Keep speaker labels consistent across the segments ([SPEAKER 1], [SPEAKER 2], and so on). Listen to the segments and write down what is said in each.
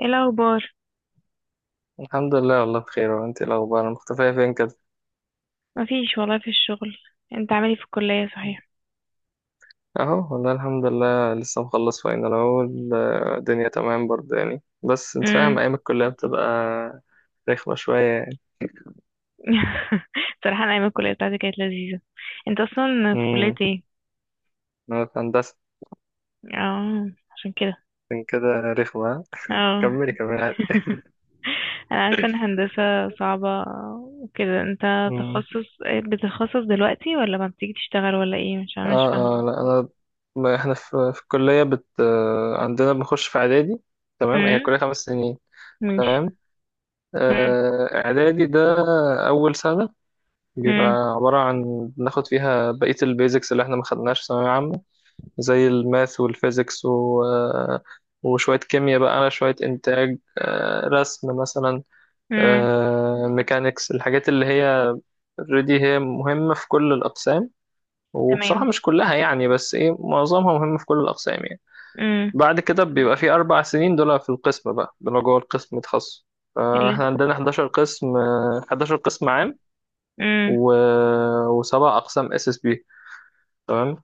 [SPEAKER 1] ايه الاخبار؟
[SPEAKER 2] الحمد لله، والله بخير. وانت ايه الاخبار؟ مختفيه فين كده؟
[SPEAKER 1] مفيش والله في الشغل. انت عامل ايه في الكليه صحيح؟
[SPEAKER 2] اهو والله، الحمد لله، لسه مخلص فاينل اهو. الدنيا تمام برضه يعني، بس انت فاهم
[SPEAKER 1] امم.
[SPEAKER 2] ايام الكليه بتبقى رخمه شويه يعني.
[SPEAKER 1] صراحه، انا ايام الكليه بتاعتي كانت لذيذه. انت اصلا في كليه
[SPEAKER 2] امم
[SPEAKER 1] ايه؟
[SPEAKER 2] انا في هندسه،
[SPEAKER 1] اه، عشان كده.
[SPEAKER 2] عشان كده رخمه.
[SPEAKER 1] اه.
[SPEAKER 2] كملي كملي عادي.
[SPEAKER 1] انا عارفه ان هندسه صعبه وكده. انت
[SPEAKER 2] امم.
[SPEAKER 1] تخصص بتتخصص دلوقتي، ولا ما بتيجي تشتغل، ولا ايه؟ مش عارفه مش فاهمه.
[SPEAKER 2] اه اه، لا انا، ما احنا في الكليه بت آه، عندنا بنخش في اعدادي. تمام، هي
[SPEAKER 1] امم.
[SPEAKER 2] كليه 5 سنين.
[SPEAKER 1] ماشي.
[SPEAKER 2] تمام،
[SPEAKER 1] امم.
[SPEAKER 2] اعدادي ده اول سنه بيبقى
[SPEAKER 1] امم.
[SPEAKER 2] عبارة عن بناخد فيها بقية البيزكس اللي احنا ما خدناش في ثانوية عامة، زي الماث والفيزيكس و... آه، وشوية كيمياء بقى، شوية إنتاج، رسم مثلا،
[SPEAKER 1] امم.
[SPEAKER 2] ميكانيكس، الحاجات اللي هي اوريدي هي مهمة في كل الأقسام. وبصراحة
[SPEAKER 1] تمام.
[SPEAKER 2] مش كلها يعني، بس ايه، معظمها مهمة في كل الأقسام يعني.
[SPEAKER 1] امم.
[SPEAKER 2] بعد كده بيبقى في 4 سنين، دول في القسم بقى، دول جوه القسم تخصص.
[SPEAKER 1] اللي...
[SPEAKER 2] فاحنا عندنا 11 قسم، 11 قسم عام،
[SPEAKER 1] امم.
[SPEAKER 2] و وسبع أقسام SSB. تمام.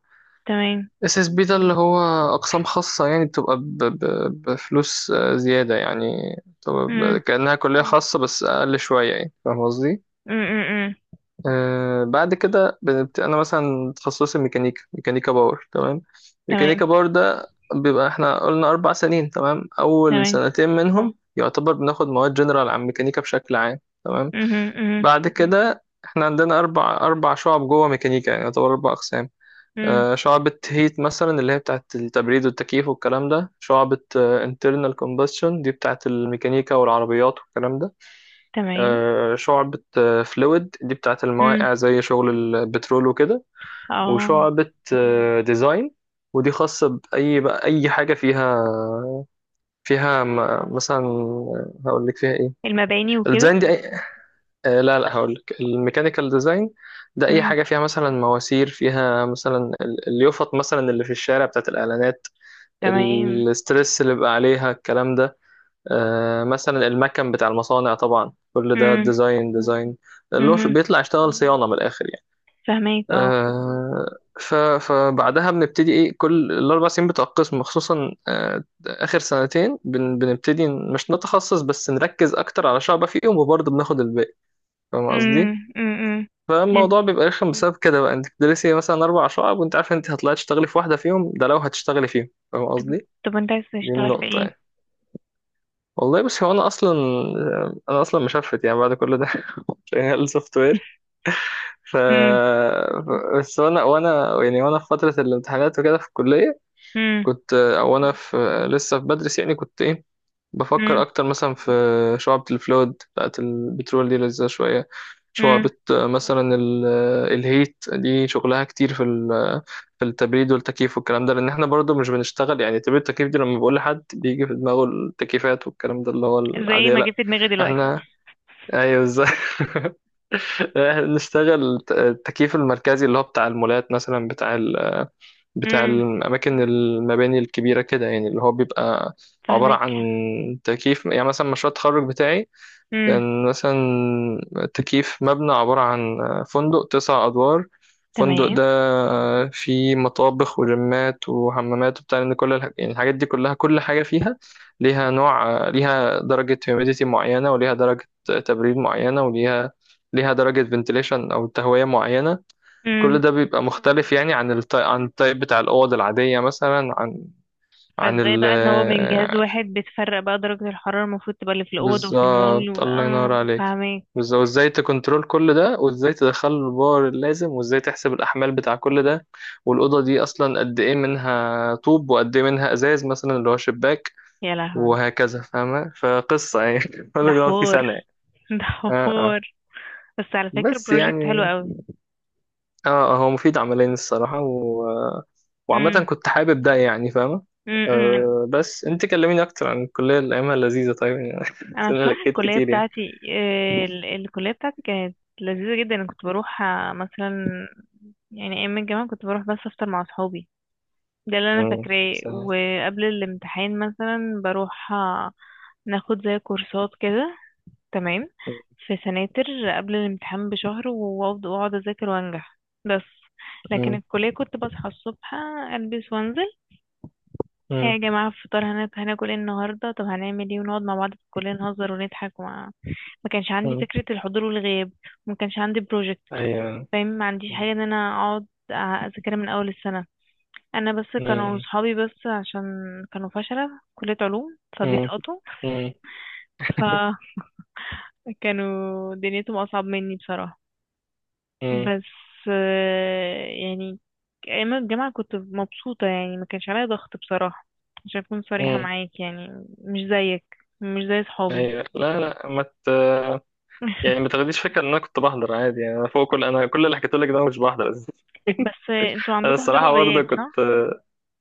[SPEAKER 1] تمام.
[SPEAKER 2] SSB ده اللي هو اقسام خاصه يعني، بتبقى بفلوس، زياده يعني، بتبقى
[SPEAKER 1] امم.
[SPEAKER 2] كانها كليه خاصه بس اقل شويه يعني. فاهم قصدي؟
[SPEAKER 1] امم. امم.
[SPEAKER 2] بعد كده انا مثلا تخصصي ميكانيكا باور. تمام.
[SPEAKER 1] تمام.
[SPEAKER 2] ميكانيكا باور ده بيبقى احنا قلنا 4 سنين. تمام، اول
[SPEAKER 1] تمام.
[SPEAKER 2] سنتين منهم يعتبر بناخد مواد جنرال عن ميكانيكا بشكل عام. تمام.
[SPEAKER 1] مهم. مهم.
[SPEAKER 2] بعد كده احنا عندنا اربع شعب جوه ميكانيكا، يعني يعتبر 4 اقسام.
[SPEAKER 1] مم.
[SPEAKER 2] شعبة هيت مثلا اللي هي بتاعت التبريد والتكييف والكلام ده. شعبة internal combustion دي بتاعت الميكانيكا والعربيات والكلام ده.
[SPEAKER 1] تمام.
[SPEAKER 2] شعبة فلويد دي بتاعت
[SPEAKER 1] مم.
[SPEAKER 2] المواقع، زي شغل البترول وكده.
[SPEAKER 1] اه.
[SPEAKER 2] وشعبة ديزاين، ودي خاصة بأي بقى، أي حاجة فيها مثلا، هقول لك فيها ايه.
[SPEAKER 1] المباني وكده.
[SPEAKER 2] الديزاين دي أي... آه، لا لا، هقول لك الميكانيكال ديزاين. ده اي
[SPEAKER 1] مم.
[SPEAKER 2] حاجه فيها مثلا مواسير، فيها مثلا اليافط مثلا اللي في الشارع بتاعت الاعلانات،
[SPEAKER 1] تمام.
[SPEAKER 2] الاسترس اللي بقى عليها الكلام ده، مثلا المكن بتاع المصانع. طبعا كل ده
[SPEAKER 1] مم.
[SPEAKER 2] ديزاين ديزاين، اللي هو
[SPEAKER 1] مهم.
[SPEAKER 2] بيطلع يشتغل صيانة من الآخر يعني.
[SPEAKER 1] فهماك، اه.
[SPEAKER 2] فبعدها بنبتدي ايه، كل ال4 سنين بتوع القسم، خصوصا آخر سنتين بنبتدي مش نتخصص بس نركز أكتر على شعبة فيهم، وبرضه بناخد الباقي. فاهم
[SPEAKER 1] مم.
[SPEAKER 2] قصدي؟
[SPEAKER 1] مم. مم. انت
[SPEAKER 2] فالموضوع بيبقى رخم بسبب كده بقى. انت بتدرسي مثلا 4 شعب وانت عارفة انت هتطلعي تشتغلي في واحدة فيهم، ده لو هتشتغلي فيهم. فاهم قصدي؟
[SPEAKER 1] طب انت عايز
[SPEAKER 2] دي
[SPEAKER 1] تشتغل في
[SPEAKER 2] النقطة
[SPEAKER 1] ايه؟
[SPEAKER 2] يعني. والله، بس هو انا اصلا، مشفت يعني بعد كل ده. شغال سوفت وير. ف
[SPEAKER 1] مم.
[SPEAKER 2] بس وانا يعني وانا في فتره الامتحانات وكده في الكليه
[SPEAKER 1] مم.
[SPEAKER 2] كنت، او انا في لسه في بدرس يعني، كنت ايه، بفكر
[SPEAKER 1] مم.
[SPEAKER 2] اكتر مثلا في شعبة الفلود بتاعت البترول، دي لذيذة شوية. شعبة
[SPEAKER 1] مم.
[SPEAKER 2] آه، مثلا ال- آه، الهيت دي شغلها كتير في ال- آه، في التبريد والتكييف والكلام ده، لان احنا برضو مش بنشتغل يعني تبريد التكييف دي. لما بقول لحد بيجي في دماغه التكييفات والكلام ده اللي هو
[SPEAKER 1] زي
[SPEAKER 2] العادية.
[SPEAKER 1] ما
[SPEAKER 2] لا.
[SPEAKER 1] جبت دماغي دلوقتي.
[SPEAKER 2] احنا ايوه، ازاي؟ احنا بنشتغل التكييف المركزي اللي هو بتاع المولات مثلا، بتاع بتاع
[SPEAKER 1] مم.
[SPEAKER 2] الأماكن، المباني الكبيرة كده يعني، اللي هو بيبقى عبارة
[SPEAKER 1] فهماك.
[SPEAKER 2] عن تكييف، يعني مثلا مشروع التخرج بتاعي
[SPEAKER 1] مم.
[SPEAKER 2] كان مثلا تكييف مبنى عبارة عن فندق 9 أدوار. الفندق
[SPEAKER 1] تمام.
[SPEAKER 2] ده فيه مطابخ وجمات وحمامات وبتاع، لأن كل يعني الحاجات دي كلها، كل حاجة فيها ليها نوع، ليها درجة humidity معينة، وليها درجة تبريد معينة، وليها درجة ventilation أو تهوية معينة. كل
[SPEAKER 1] مم.
[SPEAKER 2] ده بيبقى مختلف يعني عن التايب بتاع الأوض العادية مثلا، عن عن
[SPEAKER 1] فازاي
[SPEAKER 2] ال
[SPEAKER 1] بقى ان هو من جهاز واحد بتفرق بقى درجة الحرارة المفروض تبقى اللي في الأوض وفي المول
[SPEAKER 2] بالظبط. الله ينور
[SPEAKER 1] اه،
[SPEAKER 2] عليك،
[SPEAKER 1] فهماك.
[SPEAKER 2] بالظبط. وازاي تكنترول كل ده، وازاي تدخل له الباور اللازم، وازاي تحسب الأحمال بتاع كل ده. والأوضة دي أصلا قد إيه منها طوب وقد إيه منها إزاز مثلا اللي هو شباك.
[SPEAKER 1] يا لهوي.
[SPEAKER 2] وهكذا، فاهمة فقصة يعني.
[SPEAKER 1] ده
[SPEAKER 2] كل ده في
[SPEAKER 1] حوار.
[SPEAKER 2] سنة يعني.
[SPEAKER 1] ده
[SPEAKER 2] اه اه.
[SPEAKER 1] حوار. بس على فكرة
[SPEAKER 2] بس
[SPEAKER 1] بروجكت حلو
[SPEAKER 2] يعني،
[SPEAKER 1] قوي.
[SPEAKER 2] اه هو مفيد عمليا الصراحة وعامة
[SPEAKER 1] امم.
[SPEAKER 2] كنت حابب ده يعني، فاهمة.
[SPEAKER 1] امم.
[SPEAKER 2] بس انت كلميني اكتر عن الكلية اللي ايامها لذيذة طيب يعني.
[SPEAKER 1] انا
[SPEAKER 2] بس انا
[SPEAKER 1] بصراحة
[SPEAKER 2] لكيت كتير يعني.
[SPEAKER 1] الكلية بتاعتي كانت لذيذة جدا. انا كنت بروح مثلا، يعني ايام الجامعة كنت بروح بس افطر مع صحابي. ده اللي انا
[SPEAKER 2] مم.
[SPEAKER 1] فاكراه. وقبل الامتحان مثلا بروح ناخد زي كورسات كده. تمام. في سناتر، قبل الامتحان بشهر، وافضل واقعد اذاكر وانجح. بس لكن
[SPEAKER 2] مم.
[SPEAKER 1] الكلية كنت بصحى الصبح البس وانزل. إيه
[SPEAKER 2] مم.
[SPEAKER 1] يا جماعة فطار هناكل ايه النهاردة؟ طب هنعمل ايه؟ ونقعد مع بعض في الكلية نهزر ونضحك وما... ما كانش عندي
[SPEAKER 2] مم.
[SPEAKER 1] فكرة الحضور والغياب، وما كانش عندي بروجكت.
[SPEAKER 2] ايوه.
[SPEAKER 1] فاهم، ما عنديش
[SPEAKER 2] مم.
[SPEAKER 1] حاجة ان انا اقعد أ- اذاكرها من اول السنة. انا بس كانوا
[SPEAKER 2] مم.
[SPEAKER 1] صحابي، بس عشان كانوا فشلة في كلية علوم
[SPEAKER 2] مم.
[SPEAKER 1] فبيسقطوا.
[SPEAKER 2] مم.
[SPEAKER 1] فكانوا دنيتهم اصعب مني بصراحة.
[SPEAKER 2] مم.
[SPEAKER 1] بس يعني ايام الجامعة كنت مبسوطة. يعني ما كانش عليا ضغط بصراحة، عشان اكون صريحة
[SPEAKER 2] مم.
[SPEAKER 1] معاك يعني. مش زيك. مش زي صحابي.
[SPEAKER 2] ايوه. لا لا، ما ت... يعني ما تاخديش فكرة ان انا كنت بحضر عادي يعني، انا كل اللي حكيت لك ده أنا مش بحضر.
[SPEAKER 1] بس انتوا
[SPEAKER 2] انا
[SPEAKER 1] عندكم حضور
[SPEAKER 2] الصراحة برضه
[SPEAKER 1] وغياب
[SPEAKER 2] كنت.
[SPEAKER 1] صح؟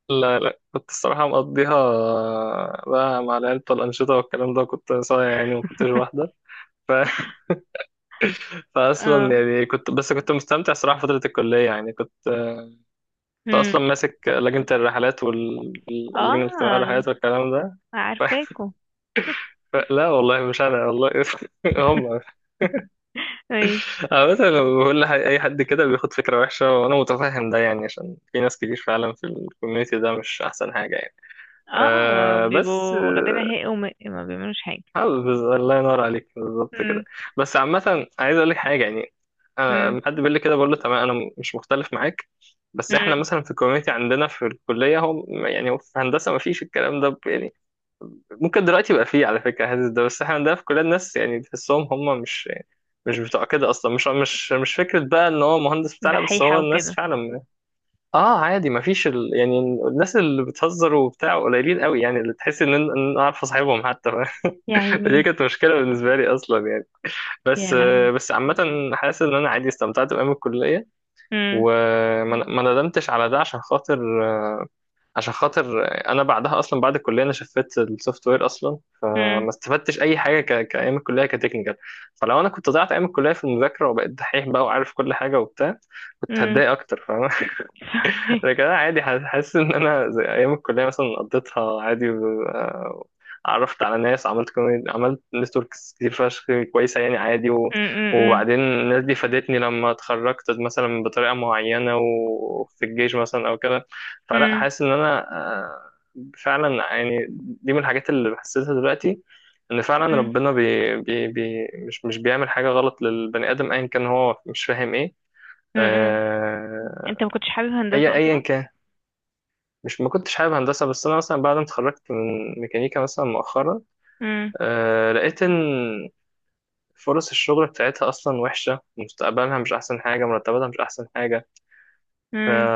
[SPEAKER 2] لا لا، كنت الصراحة مقضيها، بقى مع العيلة والأنشطة والكلام ده. كنت صايع يعني ما كنتش واحدة. ف...
[SPEAKER 1] اه.
[SPEAKER 2] فأصلا يعني كنت، بس كنت مستمتع صراحة فترة الكلية يعني، كنت
[SPEAKER 1] امم.
[SPEAKER 2] أصلا ماسك لجنة الرحلات واللجنة الاجتماعية
[SPEAKER 1] اه.
[SPEAKER 2] والرحلات والكلام ده. ف...
[SPEAKER 1] عارفاكوا.
[SPEAKER 2] لا والله مش أنا والله. هم.
[SPEAKER 1] ماشي.
[SPEAKER 2] عامة لما بقول أي حد كده بياخد فكرة وحشة، وأنا متفهم ده يعني، عشان في ناس كتير فعلا في الكوميونتي ده مش أحسن حاجة يعني.
[SPEAKER 1] اه،
[SPEAKER 2] أه، بس
[SPEAKER 1] بيبقوا واخدين هي، وما ما بيعملوش حاجة.
[SPEAKER 2] الله ينور عليك، بالظبط
[SPEAKER 1] امم.
[SPEAKER 2] كده. بس عامة عايز اقول لك حاجة يعني، أنا
[SPEAKER 1] امم.
[SPEAKER 2] لما حد بيقول لي كده بقول له تمام انا، مش مختلف معاك. بس احنا
[SPEAKER 1] امم.
[SPEAKER 2] مثلا في الكوميونتي عندنا في الكلية هو، يعني هو في هندسة ما فيش الكلام ده، يعني ممكن دلوقتي يبقى فيه على فكرة هذا ده. بس احنا عندنا في الكلية الناس يعني تحسهم هم مش بتوع كده اصلا، مش فكرة بقى ان هو مهندس بتاعنا، بس هو
[SPEAKER 1] دحيحة
[SPEAKER 2] الناس
[SPEAKER 1] وكده.
[SPEAKER 2] فعلا. اه عادي، ما فيش يعني الناس اللي بتهزر وبتاع قليلين قوي يعني، اللي تحس ان إن- إن انا اعرف اصاحبهم حتى.
[SPEAKER 1] يا
[SPEAKER 2] دي
[SPEAKER 1] عيني.
[SPEAKER 2] كانت مشكلة بالنسبة لي أصلا يعني.
[SPEAKER 1] يا
[SPEAKER 2] بس
[SPEAKER 1] لهوي.
[SPEAKER 2] بس عامة حاسس إن أنا عادي استمتعت بأيام الكلية،
[SPEAKER 1] امم.
[SPEAKER 2] وما ما ندمتش على ده، عشان خاطر أنا بعدها أصلا، بعد الكلية أنا شفت السوفت وير أصلا
[SPEAKER 1] امم.
[SPEAKER 2] ما استفدتش أي حاجة كأيام الكلية كتكنيكال. فلو أنا كنت ضيعت أيام الكلية في المذاكرة وبقيت دحيح بقى وعارف كل حاجة وبتاع، كنت
[SPEAKER 1] امم.
[SPEAKER 2] هتضايق أكتر. فاهم؟
[SPEAKER 1] فاهمك.
[SPEAKER 2] لكن انا عادي حاسس ان انا زي ايام الكليه مثلا قضيتها عادي عرفت على ناس، عملت نتوركس كتير فشخ، كويسه يعني عادي.
[SPEAKER 1] امم.
[SPEAKER 2] وبعدين الناس دي فادتني لما اتخرجت مثلا بطريقه معينه، وفي الجيش مثلا او كده. فلا،
[SPEAKER 1] امم.
[SPEAKER 2] حاسس ان انا، آه، فعلا يعني دي من الحاجات اللي بحسسها دلوقتي، ان فعلا
[SPEAKER 1] مم.
[SPEAKER 2] ربنا مش بيعمل حاجه غلط للبني ادم ايا كان هو مش فاهم ايه.
[SPEAKER 1] مم.
[SPEAKER 2] آه،
[SPEAKER 1] انت ما كنتش حابب
[SPEAKER 2] اي
[SPEAKER 1] هندسة
[SPEAKER 2] ايا
[SPEAKER 1] اصلا؟
[SPEAKER 2] كان. مش ما كنتش حابب هندسة، بس أنا مثلا بعد ما اتخرجت من ميكانيكا مثلا مؤخرا،
[SPEAKER 1] مم.
[SPEAKER 2] لقيت إن فرص الشغل بتاعتها أصلا وحشة، مستقبلها مش أحسن حاجة، مرتباتها مش أحسن حاجة. ف...
[SPEAKER 1] مم.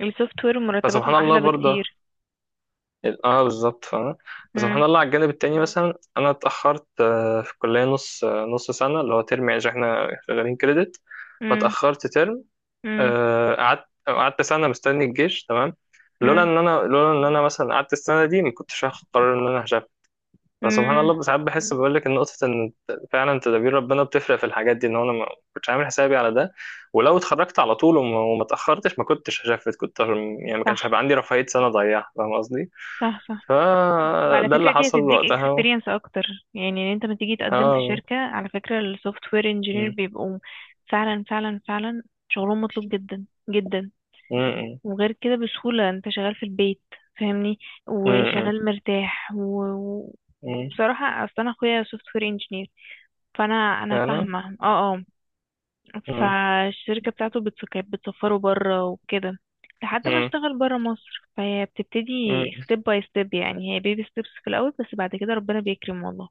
[SPEAKER 1] السوفت وير مرتباتهم
[SPEAKER 2] فسبحان الله
[SPEAKER 1] احلى
[SPEAKER 2] برضه.
[SPEAKER 1] بكتير.
[SPEAKER 2] اه، بالظبط، فاهم. فسبحان
[SPEAKER 1] مم.
[SPEAKER 2] الله على الجانب التاني، مثلا أنا اتأخرت في الكلية نص سنة اللي هو ترم يعني، عشان احنا شغالين كريدت،
[SPEAKER 1] مم.
[SPEAKER 2] فاتأخرت ترم.
[SPEAKER 1] مم.
[SPEAKER 2] قعدت سنة مستني الجيش. تمام.
[SPEAKER 1] مم.
[SPEAKER 2] لولا ان انا مثلا قعدت السنه دي، ما كنتش هاخد قرار ان انا هشغل. بس سبحان
[SPEAKER 1] مم.
[SPEAKER 2] الله ساعات بحس، بقول لك النقطة إن فعلا تدابير ربنا بتفرق في الحاجات دي، إن هو أنا ما كنتش عامل حسابي على ده. ولو اتخرجت على طول وما اتأخرتش، ما كنتش هشفت، كنت يعني ما
[SPEAKER 1] صح.
[SPEAKER 2] كانش هيبقى عندي رفاهية سنة أضيعها. فاهم قصدي؟
[SPEAKER 1] صح. صح. وعلى
[SPEAKER 2] فده اللي
[SPEAKER 1] فكرة دي
[SPEAKER 2] حصل
[SPEAKER 1] هتديك
[SPEAKER 2] وقتها.
[SPEAKER 1] experience اكتر. يعني ان انت لما تيجي تقدم في
[SPEAKER 2] آه
[SPEAKER 1] شركة، على فكرة السوفت وير انجينير
[SPEAKER 2] م-
[SPEAKER 1] بيبقوا فعلا فعلا فعلا شغلهم مطلوب جدا. جدا.
[SPEAKER 2] م-
[SPEAKER 1] وغير كده بسهولة انت شغال في البيت، فاهمني؟
[SPEAKER 2] م- م-
[SPEAKER 1] وشغال مرتاح
[SPEAKER 2] م-
[SPEAKER 1] وبصراحة اصلا اخويا سوفت وير انجينير، فانا، انا
[SPEAKER 2] فعلا.
[SPEAKER 1] فاهمه. اه. اه.
[SPEAKER 2] م-
[SPEAKER 1] فالشركه بتاعته كانت بتسفره بره وكده، لحد ما
[SPEAKER 2] م-
[SPEAKER 1] اشتغل بره مصر. فهي بتبتدي
[SPEAKER 2] م-
[SPEAKER 1] ستيب باي ستيب، يعني هي بيبي ستيبس في الاول، بس بعد كده ربنا بيكرم والله.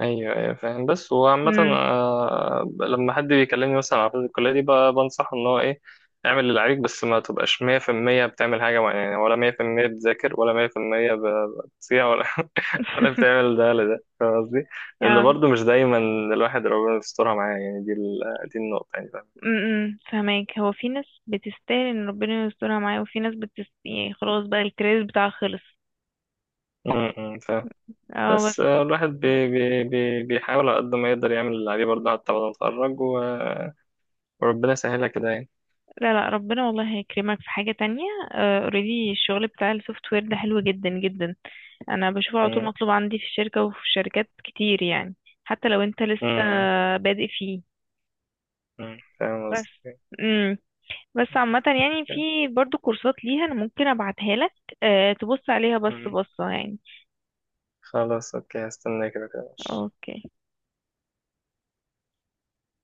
[SPEAKER 2] ايوه ايوه، فاهم. بس وعامة،
[SPEAKER 1] امم.
[SPEAKER 2] لما حد بيكلمني مثلا على فترة الكلية دي بنصحه ان هو ايه، اعمل اللي عليك، بس ما تبقاش 100% بتعمل حاجة معينة يعني، ولا 100% بتذاكر، ولا 100% بتصيع ولا ولا بتعمل ده ولا ده. فاهم قصدي؟ لأن
[SPEAKER 1] يا...
[SPEAKER 2] برضه مش دايما الواحد ربنا يسترها معاه يعني، دي النقطة يعني. فاهم؟
[SPEAKER 1] امم. فهماك، هو في ناس بتستاهل ان ربنا يسترها معاه، وفي ناس يعني خلاص بقى الكريز بتاعها خلص.
[SPEAKER 2] م- م، فاهم
[SPEAKER 1] اه. بس
[SPEAKER 2] بس الواحد بي بي بي بيحاول على قد ما يقدر يعمل اللي عليه برضه حتى بعد ما يتخرج وربنا يسهلها كده يعني.
[SPEAKER 1] لا، لا، ربنا والله هيكرمك في حاجة تانية. اوريدي الشغل بتاع السوفت وير ده حلو جدا جدا. انا بشوفه على طول
[SPEAKER 2] م-
[SPEAKER 1] مطلوب عندي في الشركة وفي شركات كتير يعني، حتى لو انت لسه
[SPEAKER 2] م-
[SPEAKER 1] بادئ فيه.
[SPEAKER 2] م، فاهم
[SPEAKER 1] بس.
[SPEAKER 2] قصدي؟
[SPEAKER 1] امم. بس عامة يعني في برضو كورسات ليها، انا ممكن ابعتها لك. أه تبص عليها بس
[SPEAKER 2] مم.
[SPEAKER 1] بصة يعني.
[SPEAKER 2] خلاص، اوكي، هستناك كده كده، ماشي.
[SPEAKER 1] اوكي.